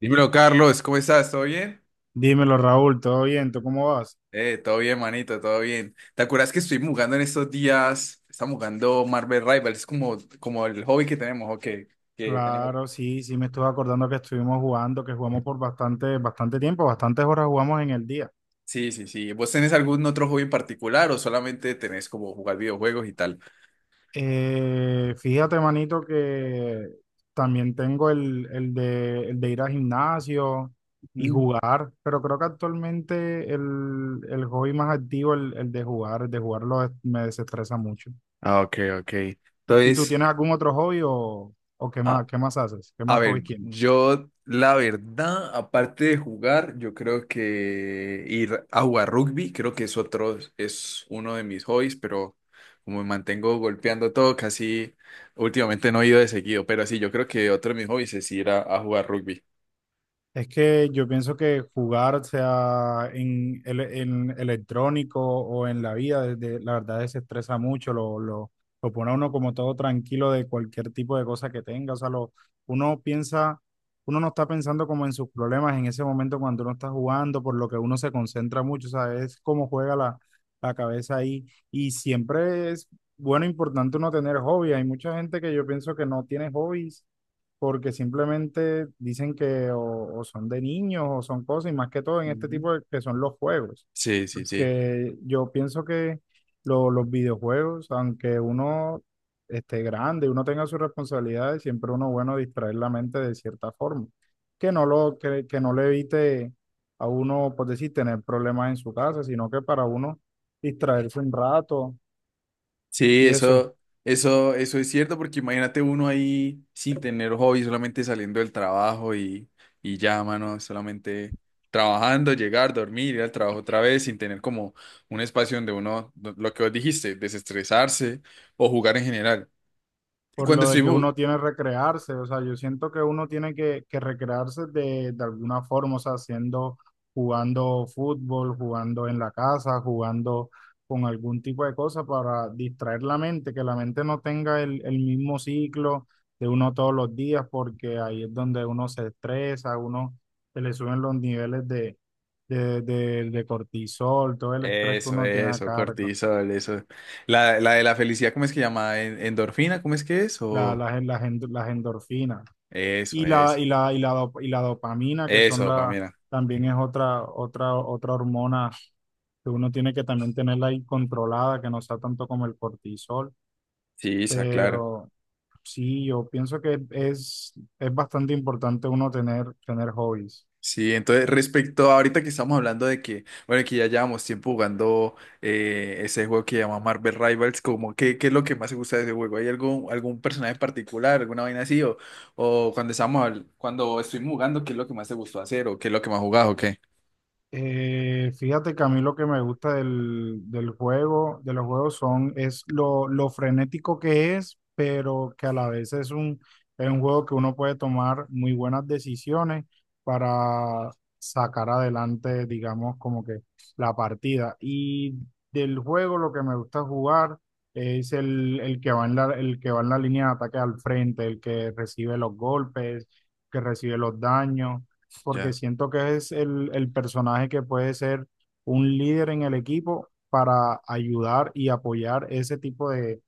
Dímelo, Carlos, ¿cómo estás? ¿Todo bien? Dímelo, Raúl, ¿todo bien? ¿Tú cómo vas? Todo bien, manito, todo bien. ¿Te acuerdas que estuvimos jugando en estos días? Estamos jugando Marvel Rivals, es como el hobby que tenemos, ¿o qué? Que tenés- Claro, sí, sí, me estuve acordando que estuvimos jugando, que jugamos por bastante tiempo, bastantes horas jugamos en el día. Sí, sí, sí. ¿Vos tenés algún otro hobby en particular o solamente tenés como jugar videojuegos y tal? Fíjate, manito, que también tengo el de ir al gimnasio y Ujú. jugar, pero creo que actualmente el hobby más activo, el de jugarlo es- me desestresa mucho. Ah, ok, ok. ¿Y tú Entonces, tienes algún otro hobby o ah, qué más haces? ¿Qué a más ver, hobbies tienes? yo la verdad, aparte de jugar, yo creo que ir a jugar rugby, creo que es otro, es uno de mis hobbies, pero como me mantengo golpeando todo, casi últimamente no he ido de seguido, pero sí, yo creo que otro de mis hobbies es ir a jugar rugby. Es que yo pienso que jugar, sea en, el- en electrónico o en la vida, desde- la verdad se estresa mucho, lo pone a uno como todo tranquilo de cualquier tipo de cosa que tenga. O sea, lo, uno piensa, uno no está pensando como en sus problemas en ese momento cuando uno está jugando, por lo que uno se concentra mucho, o sea, es como juega la cabeza ahí. Y siempre es bueno, importante uno tener hobby. Hay mucha gente que yo pienso que no tiene hobbies porque simplemente dicen que o son de niños o son cosas, y más que todo en este Ujú. tipo de, que son los juegos, Sí, sí, sí. porque yo pienso que lo- los videojuegos, aunque uno esté grande, uno tenga sus responsabilidades, siempre uno bueno distraer la mente de cierta forma, que no lo, que no le evite a uno, por decir, tener problemas en su casa, sino que para uno distraerse un rato Sí, y eso. Eso es cierto, porque imagínate uno ahí sin tener hobby, solamente saliendo del trabajo y ya, mano, solamente trabajando, llegar, dormir, ir al trabajo otra vez, sin tener como un espacio donde uno, lo que vos dijiste, desestresarse o jugar en general. Y Por cuando lo de estoy... que uno bu- tiene que recrearse, o sea, yo siento que uno tiene que recrearse de alguna forma, o sea, haciendo, jugando fútbol, jugando en la casa, jugando con algún tipo de cosa para distraer la mente, que la mente no tenga el mismo ciclo de uno todos los días, porque ahí es donde uno se estresa, a uno se le suben los niveles de cortisol, todo el estrés que Eso, uno tiene a eso, cargo, cortisol, eso. La de la felicidad, ¿cómo es que llama? ¿En- ¿Endorfina? ¿Cómo es que es? la, O las, las, las endorfinas. eso, Y la, eso, y la, y la, dop- y la dopamina, que eso, son la, dopamina. también es otra hormona que uno tiene que también tenerla ahí controlada, que no sea tanto como el cortisol. Sí, esa, claro. Pero sí, yo pienso que es bastante importante uno tener, tener hobbies. Sí, entonces respecto a ahorita que estamos hablando de que, bueno, que ya llevamos tiempo jugando ese juego que llama Marvel Rivals, como, ¿qué, qué es lo que más te gusta de ese juego? ¿Hay algún, algún personaje en particular, alguna vaina así? O cuando estamos, cuando estuvimos jugando, ¿qué es lo que más te gustó hacer? ¿O qué es lo que más jugás o qué? Fíjate que a mí lo que me gusta del juego, de los juegos son, es lo frenético que es, pero que a la vez es es un juego que uno puede tomar muy buenas decisiones para sacar adelante, digamos, como que la partida. Y del juego lo que me gusta jugar es el que va en la línea de ataque al frente, el que recibe los golpes, que recibe los daños porque Ya. siento que es el personaje que puede ser un líder en el equipo para ayudar y apoyar ese tipo de,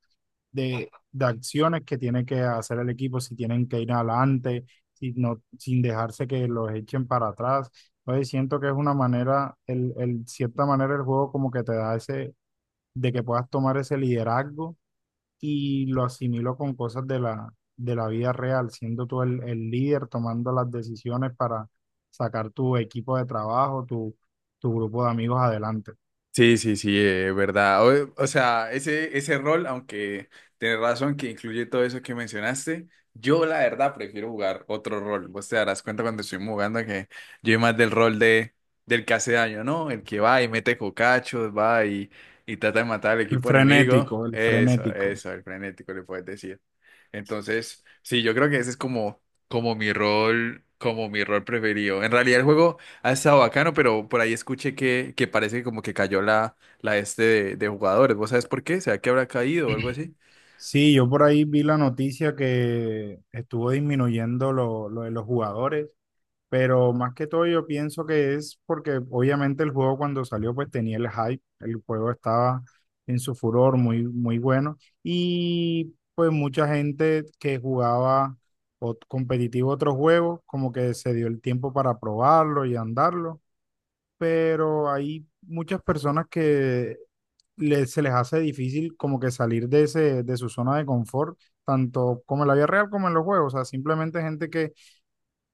de, de acciones que tiene que hacer el equipo, si tienen que ir adelante, si no, sin dejarse que los echen para atrás. Entonces siento que es una manera, cierta manera el juego como que te da ese, de que puedas tomar ese liderazgo y lo asimilo con cosas de de la vida real, siendo tú el líder, tomando las decisiones para sacar tu equipo de trabajo, tu grupo de amigos adelante. Sí, sí, sí, verdad. O sea, ese rol, aunque tenés razón que incluye todo eso que mencionaste, yo la verdad prefiero jugar otro rol. Vos te darás cuenta cuando estoy jugando que yo soy más del rol de, del que hace daño, ¿no? El que va y mete cocachos, va y trata de matar al El equipo enemigo. frenético, el Eso, frenético. eso, el frenético le puedes decir. Entonces, sí, yo creo que ese es como, como mi rol preferido. En realidad el juego... ha estado bacano, pero por ahí escuché que parece que como que cayó la, la este de jugadores. ¿Vos sabés por qué? ¿Será que habrá caído o algo así? Sí, yo por ahí vi la noticia que estuvo disminuyendo lo de los jugadores. Pero más que todo yo pienso que es porque obviamente el juego cuando salió pues tenía el hype, el juego estaba en su furor muy bueno y pues mucha gente que jugaba ot- competitivo otros juegos como que se dio el tiempo para probarlo y andarlo, pero hay muchas personas que le- se les hace difícil como que salir de ese, de su zona de confort, tanto como en la vida real como en los juegos. O sea, simplemente gente que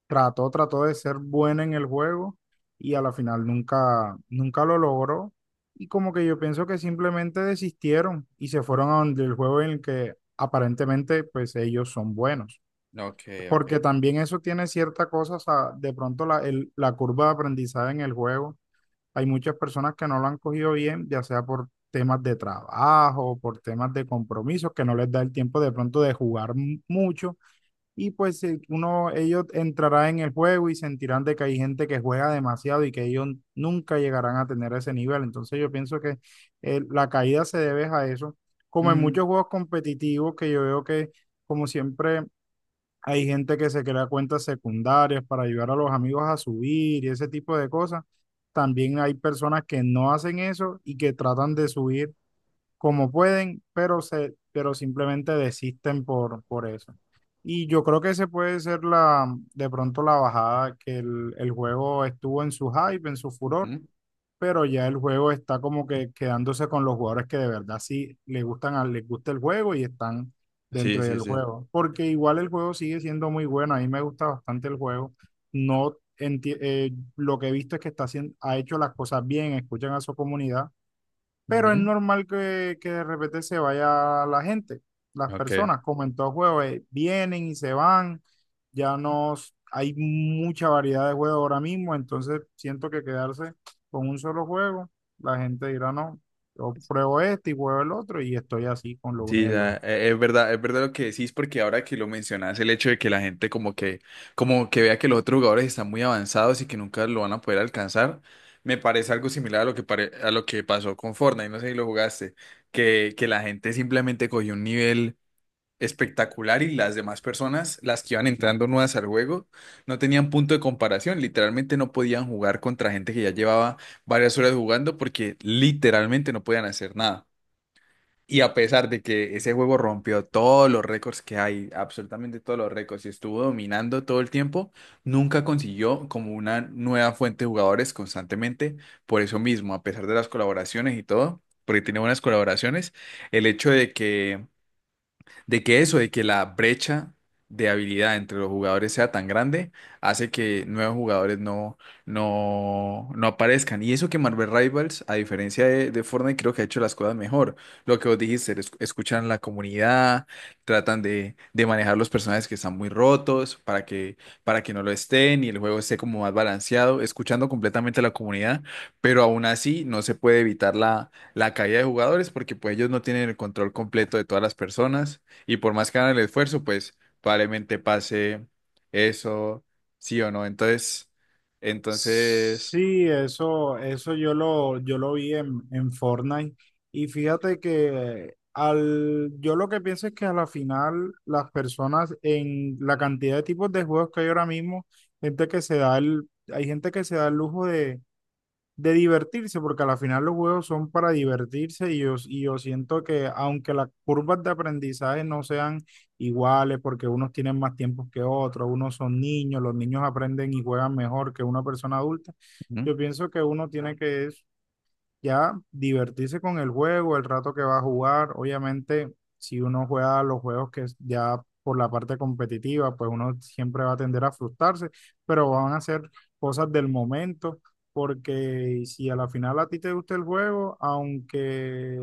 trató de ser buena en el juego y a la final nunca lo logró. Y como que yo pienso que simplemente desistieron y se fueron a donde el juego en el que aparentemente pues ellos son buenos. Ok, ok. Porque también eso tiene cierta cosa, o sea, de pronto la, el- la curva de aprendizaje en el juego. Hay muchas personas que no lo han cogido bien, ya sea por temas de trabajo, por temas de compromisos, que no les da el tiempo de pronto de jugar m- mucho y pues uno, ellos entrarán en el juego y sentirán de que hay gente que juega demasiado y que ellos nunca llegarán a tener ese nivel. Entonces yo pienso que la caída se debe a eso, como en Mm, muchos juegos competitivos que yo veo que como siempre hay gente que se crea cuentas secundarias para ayudar a los amigos a subir y ese tipo de cosas. También hay personas que no hacen eso y que tratan de subir como pueden, pero, se, pero simplemente desisten por eso. Y yo creo que ese puede ser la, de pronto la bajada, que el juego estuvo en su hype, en su furor, ujú. pero ya el juego está como que quedándose con los jugadores que de verdad sí le gustan, a- les gusta el juego y están Sí, dentro sí, del sí. juego. Porque igual el juego sigue siendo muy bueno, a mí me gusta bastante el juego. No enti- lo que he visto es que está haciendo, ha hecho las cosas bien, escuchan a su comunidad, pero es Ujú. normal que de repente se vaya la gente, las Ok. personas, como en todo juego, vienen y se van, ya no s- hay mucha variedad de juegos ahora mismo, entonces siento que quedarse con un solo juego, la gente dirá no, yo pruebo este y pruebo el otro y estoy así con lo uno y Sí, el la- otro. e- es verdad lo que decís, porque ahora que lo mencionás, el hecho de que la gente como que vea que los otros jugadores están muy avanzados y que nunca lo van a poder alcanzar, me parece algo similar a lo que pare- a lo que pasó con Fortnite, no sé si lo jugaste, que la gente simplemente cogió un nivel espectacular y las demás personas, las que iban entrando nuevas al juego, no tenían punto de comparación. Literalmente no podían jugar contra gente que ya llevaba varias horas jugando porque literalmente no podían hacer nada. Y a pesar de que ese juego rompió todos los récords que hay, absolutamente todos los récords, y estuvo dominando todo el tiempo, nunca consiguió como una nueva fuente de jugadores constantemente. Por eso mismo, a pesar de las colaboraciones y todo, porque tiene buenas colaboraciones, el hecho de que eso, de que la brecha de habilidad entre los jugadores sea tan grande, hace que nuevos jugadores no aparezcan. Y eso que Marvel Rivals, a diferencia de Fortnite, creo que ha hecho las cosas mejor. Lo que vos dijiste, es- escuchan a la comunidad, tratan de manejar los personajes que están muy rotos para que no lo estén y el juego esté como más balanceado, escuchando completamente a la comunidad, pero aún así no se puede evitar la caída de jugadores porque pues ellos no tienen el control completo de todas las personas y por más que hagan el esfuerzo, pues probablemente pase eso, sí o no. Entonces, entonces, Sí, eso yo lo vi en Fortnite. Y fíjate que al, yo lo que pienso es que a la final las personas en la cantidad de tipos de juegos que hay ahora mismo, gente que se da el, hay gente que se da el lujo de divertirse, porque a la final los juegos son para divertirse y yo siento que aunque las curvas de aprendizaje no sean iguales, porque unos tienen más tiempos que otros, unos son niños, los niños aprenden y juegan mejor que una persona adulta, ujú, yo pienso que uno tiene que ya divertirse con el juego, el rato que va a jugar. Obviamente, si uno juega los juegos que es ya por la parte competitiva, pues uno siempre va a tender a frustrarse, pero van a ser cosas del momento, porque si a la final a ti te gusta el juego, aunque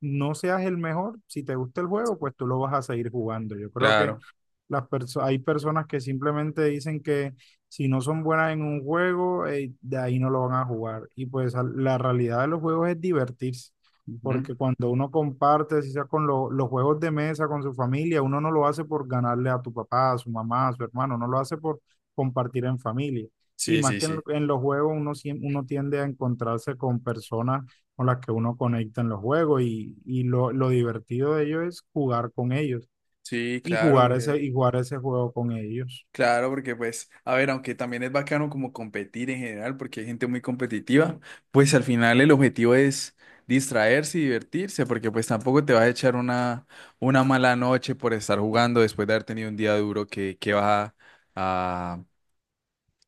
no seas el mejor, si te gusta el juego, pues tú lo vas a seguir jugando. Yo creo que claro. las perso- hay personas que simplemente dicen que si no son buenas en un juego, de ahí no lo van a jugar. Y pues al- la realidad de los juegos es divertirse, Ujú. porque cuando uno comparte, si sea con lo- los juegos de mesa, con su familia, uno no lo hace por ganarle a tu papá, a su mamá, a su hermano, no lo hace por compartir en familia. Y Sí, más sí, que en, lo- sí. en los juegos, uno, siem- uno tiende a encontrarse con personas con las que uno conecta en los juegos y lo divertido de ello es jugar con ellos Sí, y jugar ese juego con ellos. claro, porque pues, a ver, aunque también es bacano como competir en general, porque hay gente muy competitiva, pues al final el objetivo es distraerse y divertirse, porque pues tampoco te vas a echar una mala noche por estar jugando después de haber tenido un día duro que vas a,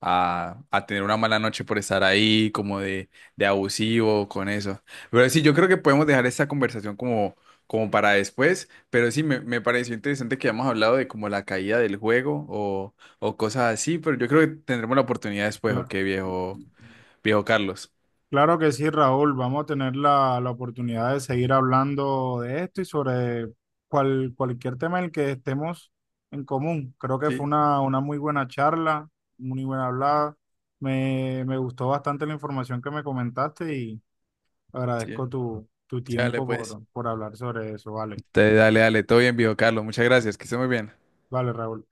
a tener una mala noche por estar ahí, como de abusivo con eso. Pero sí, yo creo que podemos dejar esta conversación como, como para después, pero sí, me pareció interesante que hayamos hablado de como la caída del juego o cosas así, pero yo creo que tendremos la oportunidad después, Cla- ¿ok, viejo, viejo Carlos? Claro que sí, Raúl. Vamos a tener la oportunidad de seguir hablando de esto y sobre cual- cualquier tema en el que estemos en común. Creo que Sí, fue una muy buena charla, muy buena hablada. Me gustó bastante la información que me comentaste y sí. agradezco tu, tu Dale tiempo pues. Por hablar sobre eso. Vale, Te dale, dale, todo bien, viejo Carlos, muchas gracias, que esté muy bien. vale, Raúl.